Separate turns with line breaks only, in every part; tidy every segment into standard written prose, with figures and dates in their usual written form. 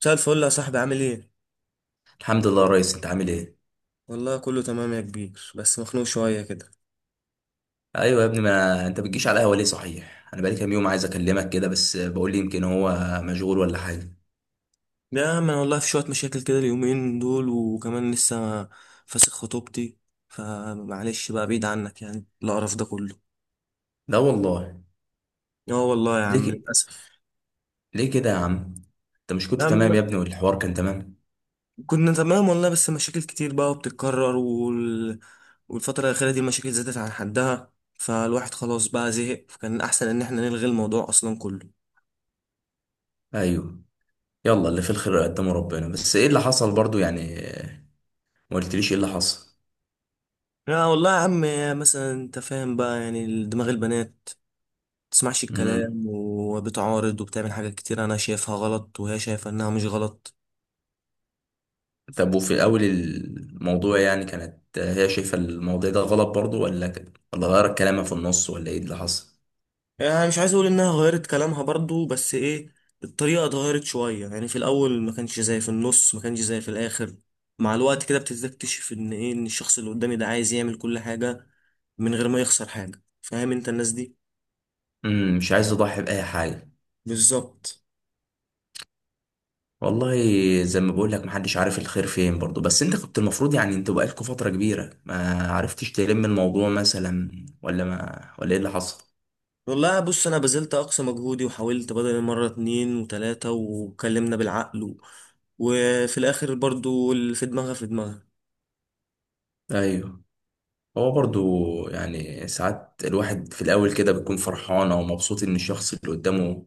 مساء الفل يا صاحبي، عامل ايه؟
الحمد لله يا ريس، انت عامل ايه؟
والله كله تمام يا كبير، بس مخنوق شوية كده.
ايوه يا ابني، ما انت بتجيش على القهوه ليه؟ صحيح انا بقالي كام يوم عايز اكلمك كده، بس بقول لي يمكن هو مشغول ولا حاجه.
يا عم انا والله في شوية مشاكل كده اليومين دول، وكمان لسه فاسخ خطوبتي، فمعلش بقى بعيد عنك يعني القرف ده كله.
لا والله.
اه والله يا
ليه
عم
ك...
للأسف.
ليه كده يا عم؟ انت مش كنت
يا
تمام يا
عم
ابني والحوار كان تمام؟
كنا تمام والله، بس مشاكل كتير بقى وبتتكرر والفترة الأخيرة دي المشاكل زادت عن حدها، فالواحد خلاص بقى زهق، فكان أحسن إن احنا نلغي الموضوع أصلا كله.
ايوه. يلا، اللي في الخير قدامه ربنا، بس ايه اللي حصل برضو يعني؟ ما قلتليش ايه اللي حصل.
لا والله يا عم، مثلا انت فاهم بقى يعني دماغ البنات، تسمعش
امم
الكلام وبتعارض وبتعمل حاجات كتير انا شايفها غلط وهي شايفة انها مش غلط.
طب، وفي اول الموضوع يعني كانت هي شايفه الموضوع ده غلط برضو، ولا كده، ولا غيرت كلامها في النص، ولا ايه اللي حصل؟
يعني مش عايز اقول انها غيرت كلامها برضو، بس ايه، الطريقه اتغيرت شويه، يعني في الاول ما كانش زي في النص، ما كانش زي في الاخر. مع الوقت كده بتكتشف ان ايه، ان الشخص اللي قدامي ده عايز يعمل كل حاجه من غير ما يخسر حاجه، فاهم انت الناس دي؟
مش عايز اضحي باي حاجه.
بالظبط.
والله، زي ما بقول لك محدش عارف الخير فين برضه، بس انت كنت المفروض يعني، انت بقالكوا فترة كبيرة ما عرفتش تلم الموضوع مثلا، ولا ما ولا ايه اللي حصل؟
والله بص، انا بذلت اقصى مجهودي وحاولت بدل مره اتنين وتلاته، واتكلمنا بالعقل وفي الاخر برضو اللي في دماغها في دماغها.
ايوه. هو برضه يعني ساعات الواحد في الاول كده بيكون فرحان او مبسوط ان الشخص اللي قدامه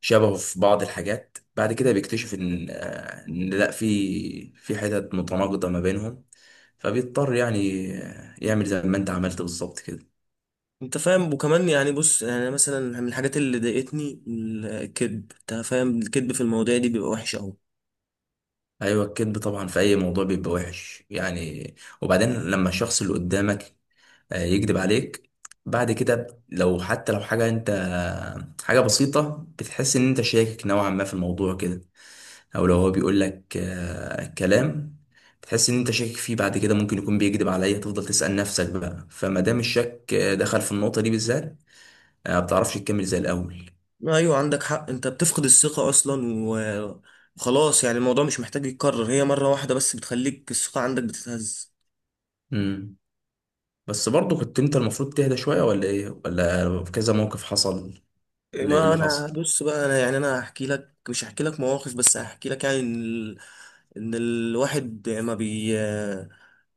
شبهه في بعض الحاجات، بعد كده بيكتشف ان ان لا، في حتت متناقضة ما بينهم. فبيضطر يعني يعمل زي ما انت عملت بالظبط كده.
انت فاهم، وكمان يعني بص، يعني مثلا من الحاجات اللي ضايقتني الكذب، انت فاهم الكذب في المواضيع دي بيبقى وحش قوي.
ايوه، الكذب طبعا في اي موضوع بيبقى وحش يعني. وبعدين لما الشخص اللي قدامك يكذب عليك، بعد كده لو حتى لو حاجه حاجه بسيطه بتحس ان انت شاكك نوعا ما في الموضوع كده. او لو هو بيقول لك كلام، بتحس ان انت شاكك فيه. بعد كده ممكن يكون بيكذب عليا، تفضل تسأل نفسك بقى. فما دام الشك دخل في النقطه دي بالذات، ما بتعرفش تكمل زي الاول.
ايوه عندك حق، انت بتفقد الثقة اصلا وخلاص، يعني الموضوع مش محتاج يتكرر، هي مرة واحدة بس بتخليك الثقة عندك بتتهز.
امم بس برضه كنت انت المفروض تهدى شويه، ولا ايه، ولا كذا موقف حصل، ولا ايه
ما
اللي
انا
حصل؟
بص بقى، انا يعني انا هحكي لك، مش هحكي لك مواقف، بس هحكي لك يعني ان ان الواحد ما بي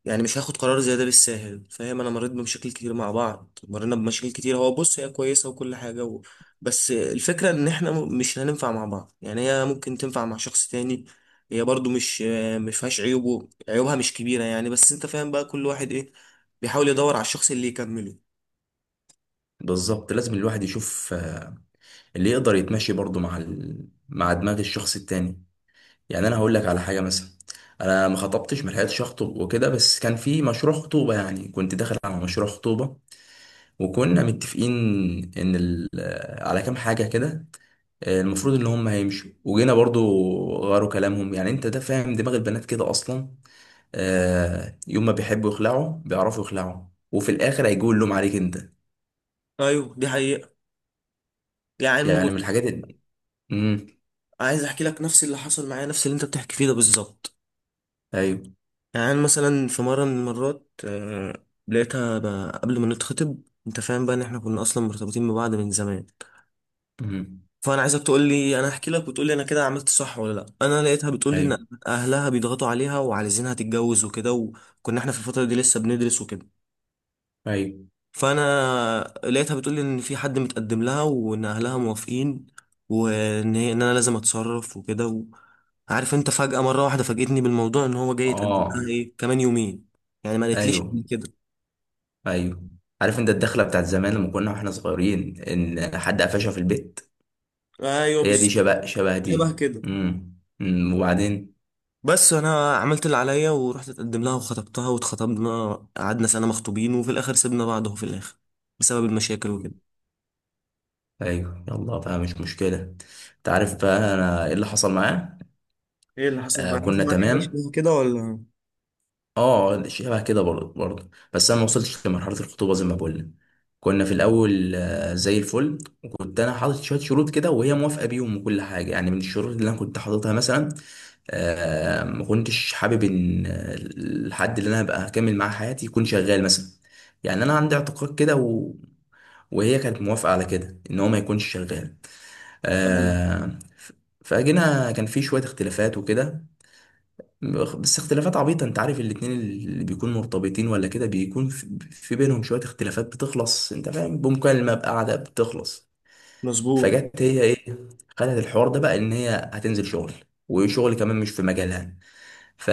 يعني مش هاخد قرار زي ده بالساهل، فاهم؟ انا مريت بمشاكل كتير مع بعض، مرينا بمشاكل كتير، هو بص هي كويسة وكل حاجة بس الفكرة ان احنا مش هننفع مع بعض، يعني هي ممكن تنفع مع شخص تاني. هي برضو مش فيهاش عيوب عيوبها مش كبيرة يعني، بس انت فاهم بقى كل واحد ايه، بيحاول يدور على الشخص اللي يكمله.
بالظبط، لازم الواحد يشوف اللي يقدر يتمشي برضه مع مع دماغ الشخص التاني. يعني انا هقول لك على حاجه مثلا، انا ما خطبتش، ما لحقتش اخطب وكده، بس كان في مشروع خطوبه. يعني كنت داخل على مشروع خطوبه وكنا متفقين ان ال... على كام حاجه كده المفروض ان هم هيمشوا، وجينا برضو غيروا كلامهم. يعني انت ده فاهم دماغ البنات كده اصلا، يوم ما بيحبوا يخلعوا بيعرفوا يخلعوا، وفي الاخر هيجوا اللوم عليك انت.
ايوه دي حقيقة. يعني
يعني من الحاجات ال- امم.
عايز احكي لك نفس اللي حصل معايا، نفس اللي انت بتحكي فيه ده بالظبط.
ايوه.
يعني أنا مثلا في مره من المرات لقيتها قبل ما نتخطب. انت فاهم بقى ان احنا كنا اصلا مرتبطين ببعض من زمان.
مم.
فانا عايزك تقول لي، انا احكي لك وتقول لي انا كده عملت صح ولا لا. انا لقيتها بتقول لي
ايوه.
ان اهلها بيضغطوا عليها وعايزينها تتجوز وكده، وكنا احنا في الفتره دي لسه بندرس وكده.
ايوه.
فانا لقيتها بتقول لي ان في حد متقدم لها وان اهلها موافقين، وان هي ان انا لازم اتصرف وكده عارف انت، فجأة مرة واحدة فاجئتني بالموضوع ان هو جاي يتقدم
اه.
لها ايه كمان يومين. يعني ما قالتليش
ايوه.
قبل كده.
ايوه. عارف انت الدخله بتاعت زمان لما كنا واحنا صغيرين ان حد قفشها في البيت؟
ايوه
هي دي
بالظبط.
شبه
شبه
دي.
كده.
امم. أمم، وبعدين.
بس انا عملت اللي عليا ورحت اتقدم لها وخطبتها واتخطبنا، قعدنا سنة مخطوبين، وفي الاخر سيبنا بعض اهو، في الاخر بسبب المشاكل
أمم.
وكده.
ايوه، يلا بقى، مش مشكله. انت عارف بقى انا ايه اللي حصل معاه؟
ايه اللي حصل
آه،
معاك،
كنا
حاجة
تمام.
شبه كده ولا؟
اه شبه كده برضه، بس انا ما وصلتش لمرحله الخطوبه زي ما بقول لك. كنا في الاول زي الفل. وكنت انا حاطط شويه شروط كده، وهي موافقه بيهم وكل حاجه. يعني من الشروط اللي انا كنت حاططها مثلا، ما كنتش حابب ان الحد اللي انا هبقى هكمل معاه حياتي يكون شغال مثلا. يعني انا عندي اعتقاد كده وهي كانت موافقه على كده ان هو ما يكونش شغال.
ايوه
آه، ف- فجينا كان في شويه اختلافات وكده، بس اختلافات عبيطه. انت عارف الاتنين اللي بيكونوا مرتبطين ولا كده بيكون في بينهم شويه اختلافات بتخلص، انت فاهم، بمكالمه، بقعده بتخلص.
مظبوط.
فجت هي ايه، خلت الحوار ده بقى ان هي هتنزل شغل، وشغل كمان مش في مجالها. ف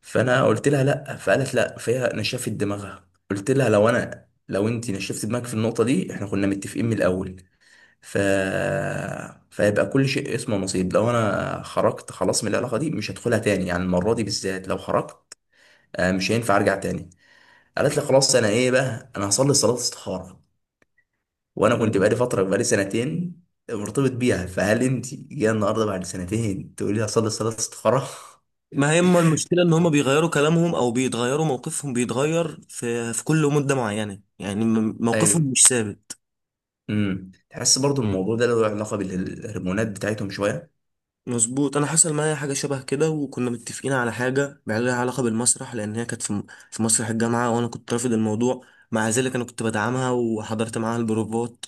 فانا قلت لها لا، فقالت لا، فهي نشفت دماغها. قلت لها لو انت نشفت دماغك في النقطه دي، احنا كنا متفقين من الاول. ف فيبقى كل شيء اسمه نصيب. لو انا خرجت خلاص من العلاقه دي مش هدخلها تاني، يعني المره دي بالذات لو خرجت مش هينفع ارجع تاني. قالت لي خلاص، انا ايه بقى، انا هصلي صلاه استخاره. وانا كنت بقالي فتره، بقالي سنتين مرتبط بيها، فهل انت جايه النهارده بعد سنتين تقولي لي هصلي صلاه استخاره؟
ما هي اما المشكله ان هم بيغيروا كلامهم او بيتغيروا، موقفهم بيتغير في كل مده معينه، يعني موقفهم
ايوه.
مش ثابت.
امم، تحس برضو الموضوع ده له علاقة بالهرمونات بتاعتهم شوية.
مظبوط، انا حصل معايا حاجه شبه كده، وكنا متفقين على حاجه بقى لها علاقه بالمسرح، لان هي كانت في في مسرح الجامعه، وانا كنت رافض الموضوع. مع ذلك انا كنت بدعمها وحضرت معاها البروفات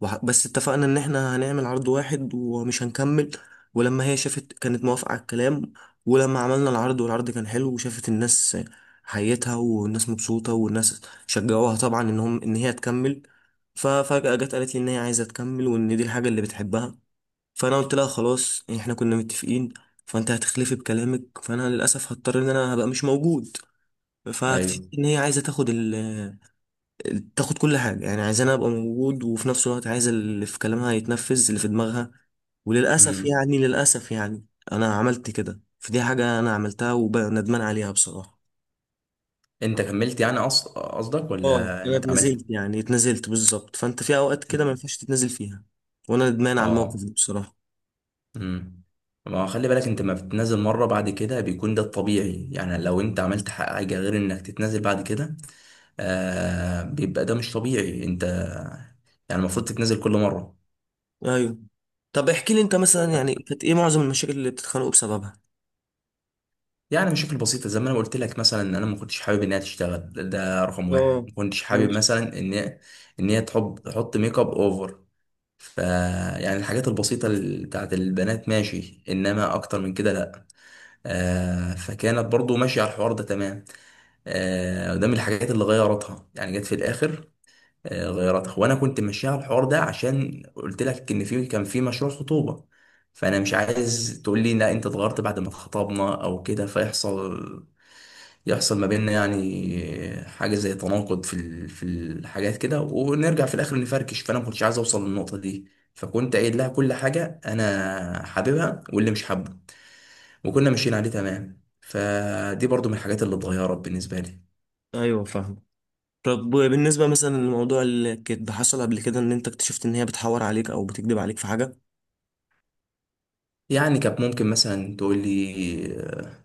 بس اتفقنا ان احنا هنعمل عرض واحد ومش هنكمل. ولما هي شافت كانت موافقه على الكلام، ولما عملنا العرض والعرض كان حلو وشافت الناس حيتها والناس مبسوطه والناس شجعوها طبعا، ان هم ان هي تكمل. ففجاه جت قالت لي ان هي عايزه تكمل، وان دي الحاجه اللي بتحبها. فانا قلت لها خلاص، يعني احنا كنا متفقين، فانت هتخلفي بكلامك، فانا للاسف هضطر ان انا هبقى مش موجود. فاكتشفت
ايوه.
ان هي عايزه تاخد كل حاجه، يعني عايزاني ابقى موجود، وفي نفس الوقت عايزه اللي في كلامها يتنفذ اللي في دماغها. وللاسف
امم.
يعني للاسف يعني انا عملت كده، فدي حاجه انا عملتها وندمان عليها بصراحه.
انت كملت يعني، قصدك،
اه
ولا
انا
انت عملت؟
اتنزلت، يعني اتنزلت بالظبط، فانت في اوقات كده ما
امم.
ينفعش تتنزل فيها. وانا ندمان على الموقف
اه.
ده بصراحه.
امم. ما هو خلي بالك، انت ما بتتنازل مرة، بعد كده بيكون ده الطبيعي. يعني لو انت عملت حاجة غير انك تتنازل بعد كده، بيبقى ده مش طبيعي. انت يعني المفروض تتنازل كل مرة.
ايوه، طب احكي لي انت مثلا، يعني كانت ايه معظم المشاكل اللي بتتخانقوا بسببها؟
يعني مشاكل بسيطة زي ما أنا قلت لك مثلا، إن أنا ما كنتش حابب إنها تشتغل. ده رقم واحد.
اه
ما كنتش حابب
ماشي.
مثلا إن هي تحب تحط ميك اب أوفر. ف يعني الحاجات البسيطة بتاعت البنات ماشي، إنما أكتر من كده لأ. فكانت برضو ماشية على الحوار ده تمام. ده من الحاجات اللي غيرتها، يعني جت في الآخر غيرتها. وأنا كنت ماشية على الحوار ده عشان قلت لك إن في كان في مشروع خطوبة. فأنا مش عايز تقول لي لا، أنت اتغيرت بعد ما اتخطبنا أو كده، فيحصل، يحصل ما بيننا يعني حاجة زي تناقض في في الحاجات كده، ونرجع في الآخر نفركش. فأنا ما كنتش عايز أوصل للنقطة دي، فكنت قايل لها كل حاجة أنا حاببها واللي مش حابه، وكنا ماشيين عليه تمام. فدي برضو من الحاجات اللي اتغيرت بالنسبة لي.
ايوه فاهم. طب بالنسبة مثلا لموضوع الكذب، حصل قبل كده ان انت اكتشفت ان هي بتحور عليك او بتكذب عليك في حاجة؟
يعني كانت ممكن مثلا تقول لي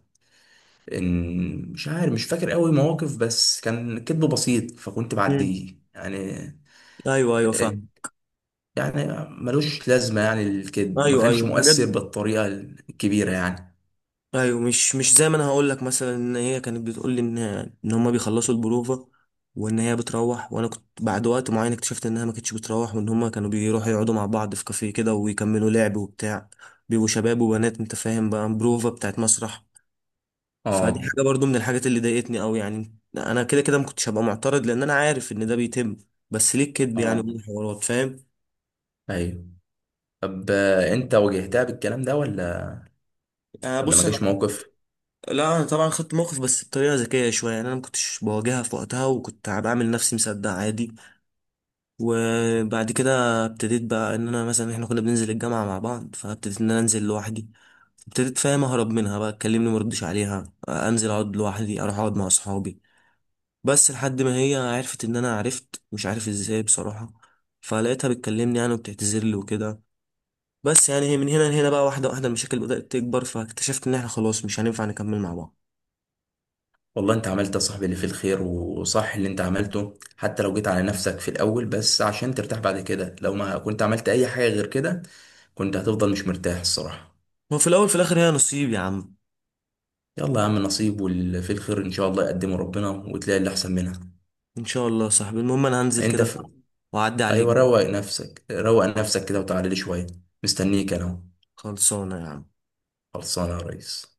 إن، مش عارف، مش فاكر قوي مواقف، بس كان كذب بسيط فكنت
مم.
بعديه يعني.
ايوه، ايوه، فاهم.
يعني ملوش لازمة، يعني الكذب ما
ايوه،
كانش
ايوه، حاجات.
مؤثر بالطريقة الكبيرة يعني.
ايوه، مش زي ما انا هقول لك مثلا، ان هي كانت بتقول لي ان ان هما بيخلصوا البروفه وان هي بتروح، وانا كنت بعد وقت معين اكتشفت انها ما كانتش بتروح، وان هما كانوا بيروحوا يقعدوا مع بعض في كافيه كده ويكملوا لعب وبتاع. بيبقوا شباب وبنات، انت فاهم بقى، بروفه بتاعت مسرح. فدي
اه.
حاجه برضو من الحاجات اللي ضايقتني قوي، يعني انا كده كده ما كنتش هبقى معترض لان انا عارف ان ده بيتم، بس ليه الكذب يعني
اه.
وليه الحوارات، فاهم؟
ايوه. طب انت واجهتها بالكلام ده، ولا
آه
ولا ما
بص انا
جاش موقف؟
لا انا طبعا خدت موقف بس بطريقه ذكيه شويه، يعني انا ما كنتش بواجهها في وقتها، وكنت بعمل نفسي مصدق عادي. وبعد كده ابتديت بقى ان انا مثلا احنا كنا بننزل الجامعة مع بعض، فابتديت ان انا انزل لوحدي. ابتديت فاهم اهرب منها بقى، تكلمني مردش عليها، انزل اقعد لوحدي، اروح اقعد مع اصحابي. بس لحد ما هي عرفت ان انا عرفت، مش عارف ازاي بصراحة. فلقيتها بتكلمني يعني وبتعتذر لي وكده. بس يعني هي من هنا لهنا بقى، واحدة واحدة المشاكل بدأت تكبر، فاكتشفت ان احنا خلاص مش هينفع نكمل مع بعض.
والله انت عملت يا صاحبي اللي فيه الخير، وصح اللي انت عملته، حتى لو جيت على نفسك في الاول بس عشان ترتاح بعد كده. لو ما كنت عملت اي حاجة غير كده كنت هتفضل مش مرتاح الصراحة.
وفي الاول في الاخر هي نصيب يا عم.
يلا يا عم، نصيب، واللي فيه الخير ان شاء الله يقدمه ربنا، وتلاقي اللي احسن منها.
ان شاء الله يا صاحبي، المهم انا هنزل
انت
كده بقى
في...
واعدي عليك.
ايوه، روق نفسك، روق نفسك كده، وتعالى لي شوية. مستنيك انا أهو.
خلصانة يا عم.
خلصانه يا ريس.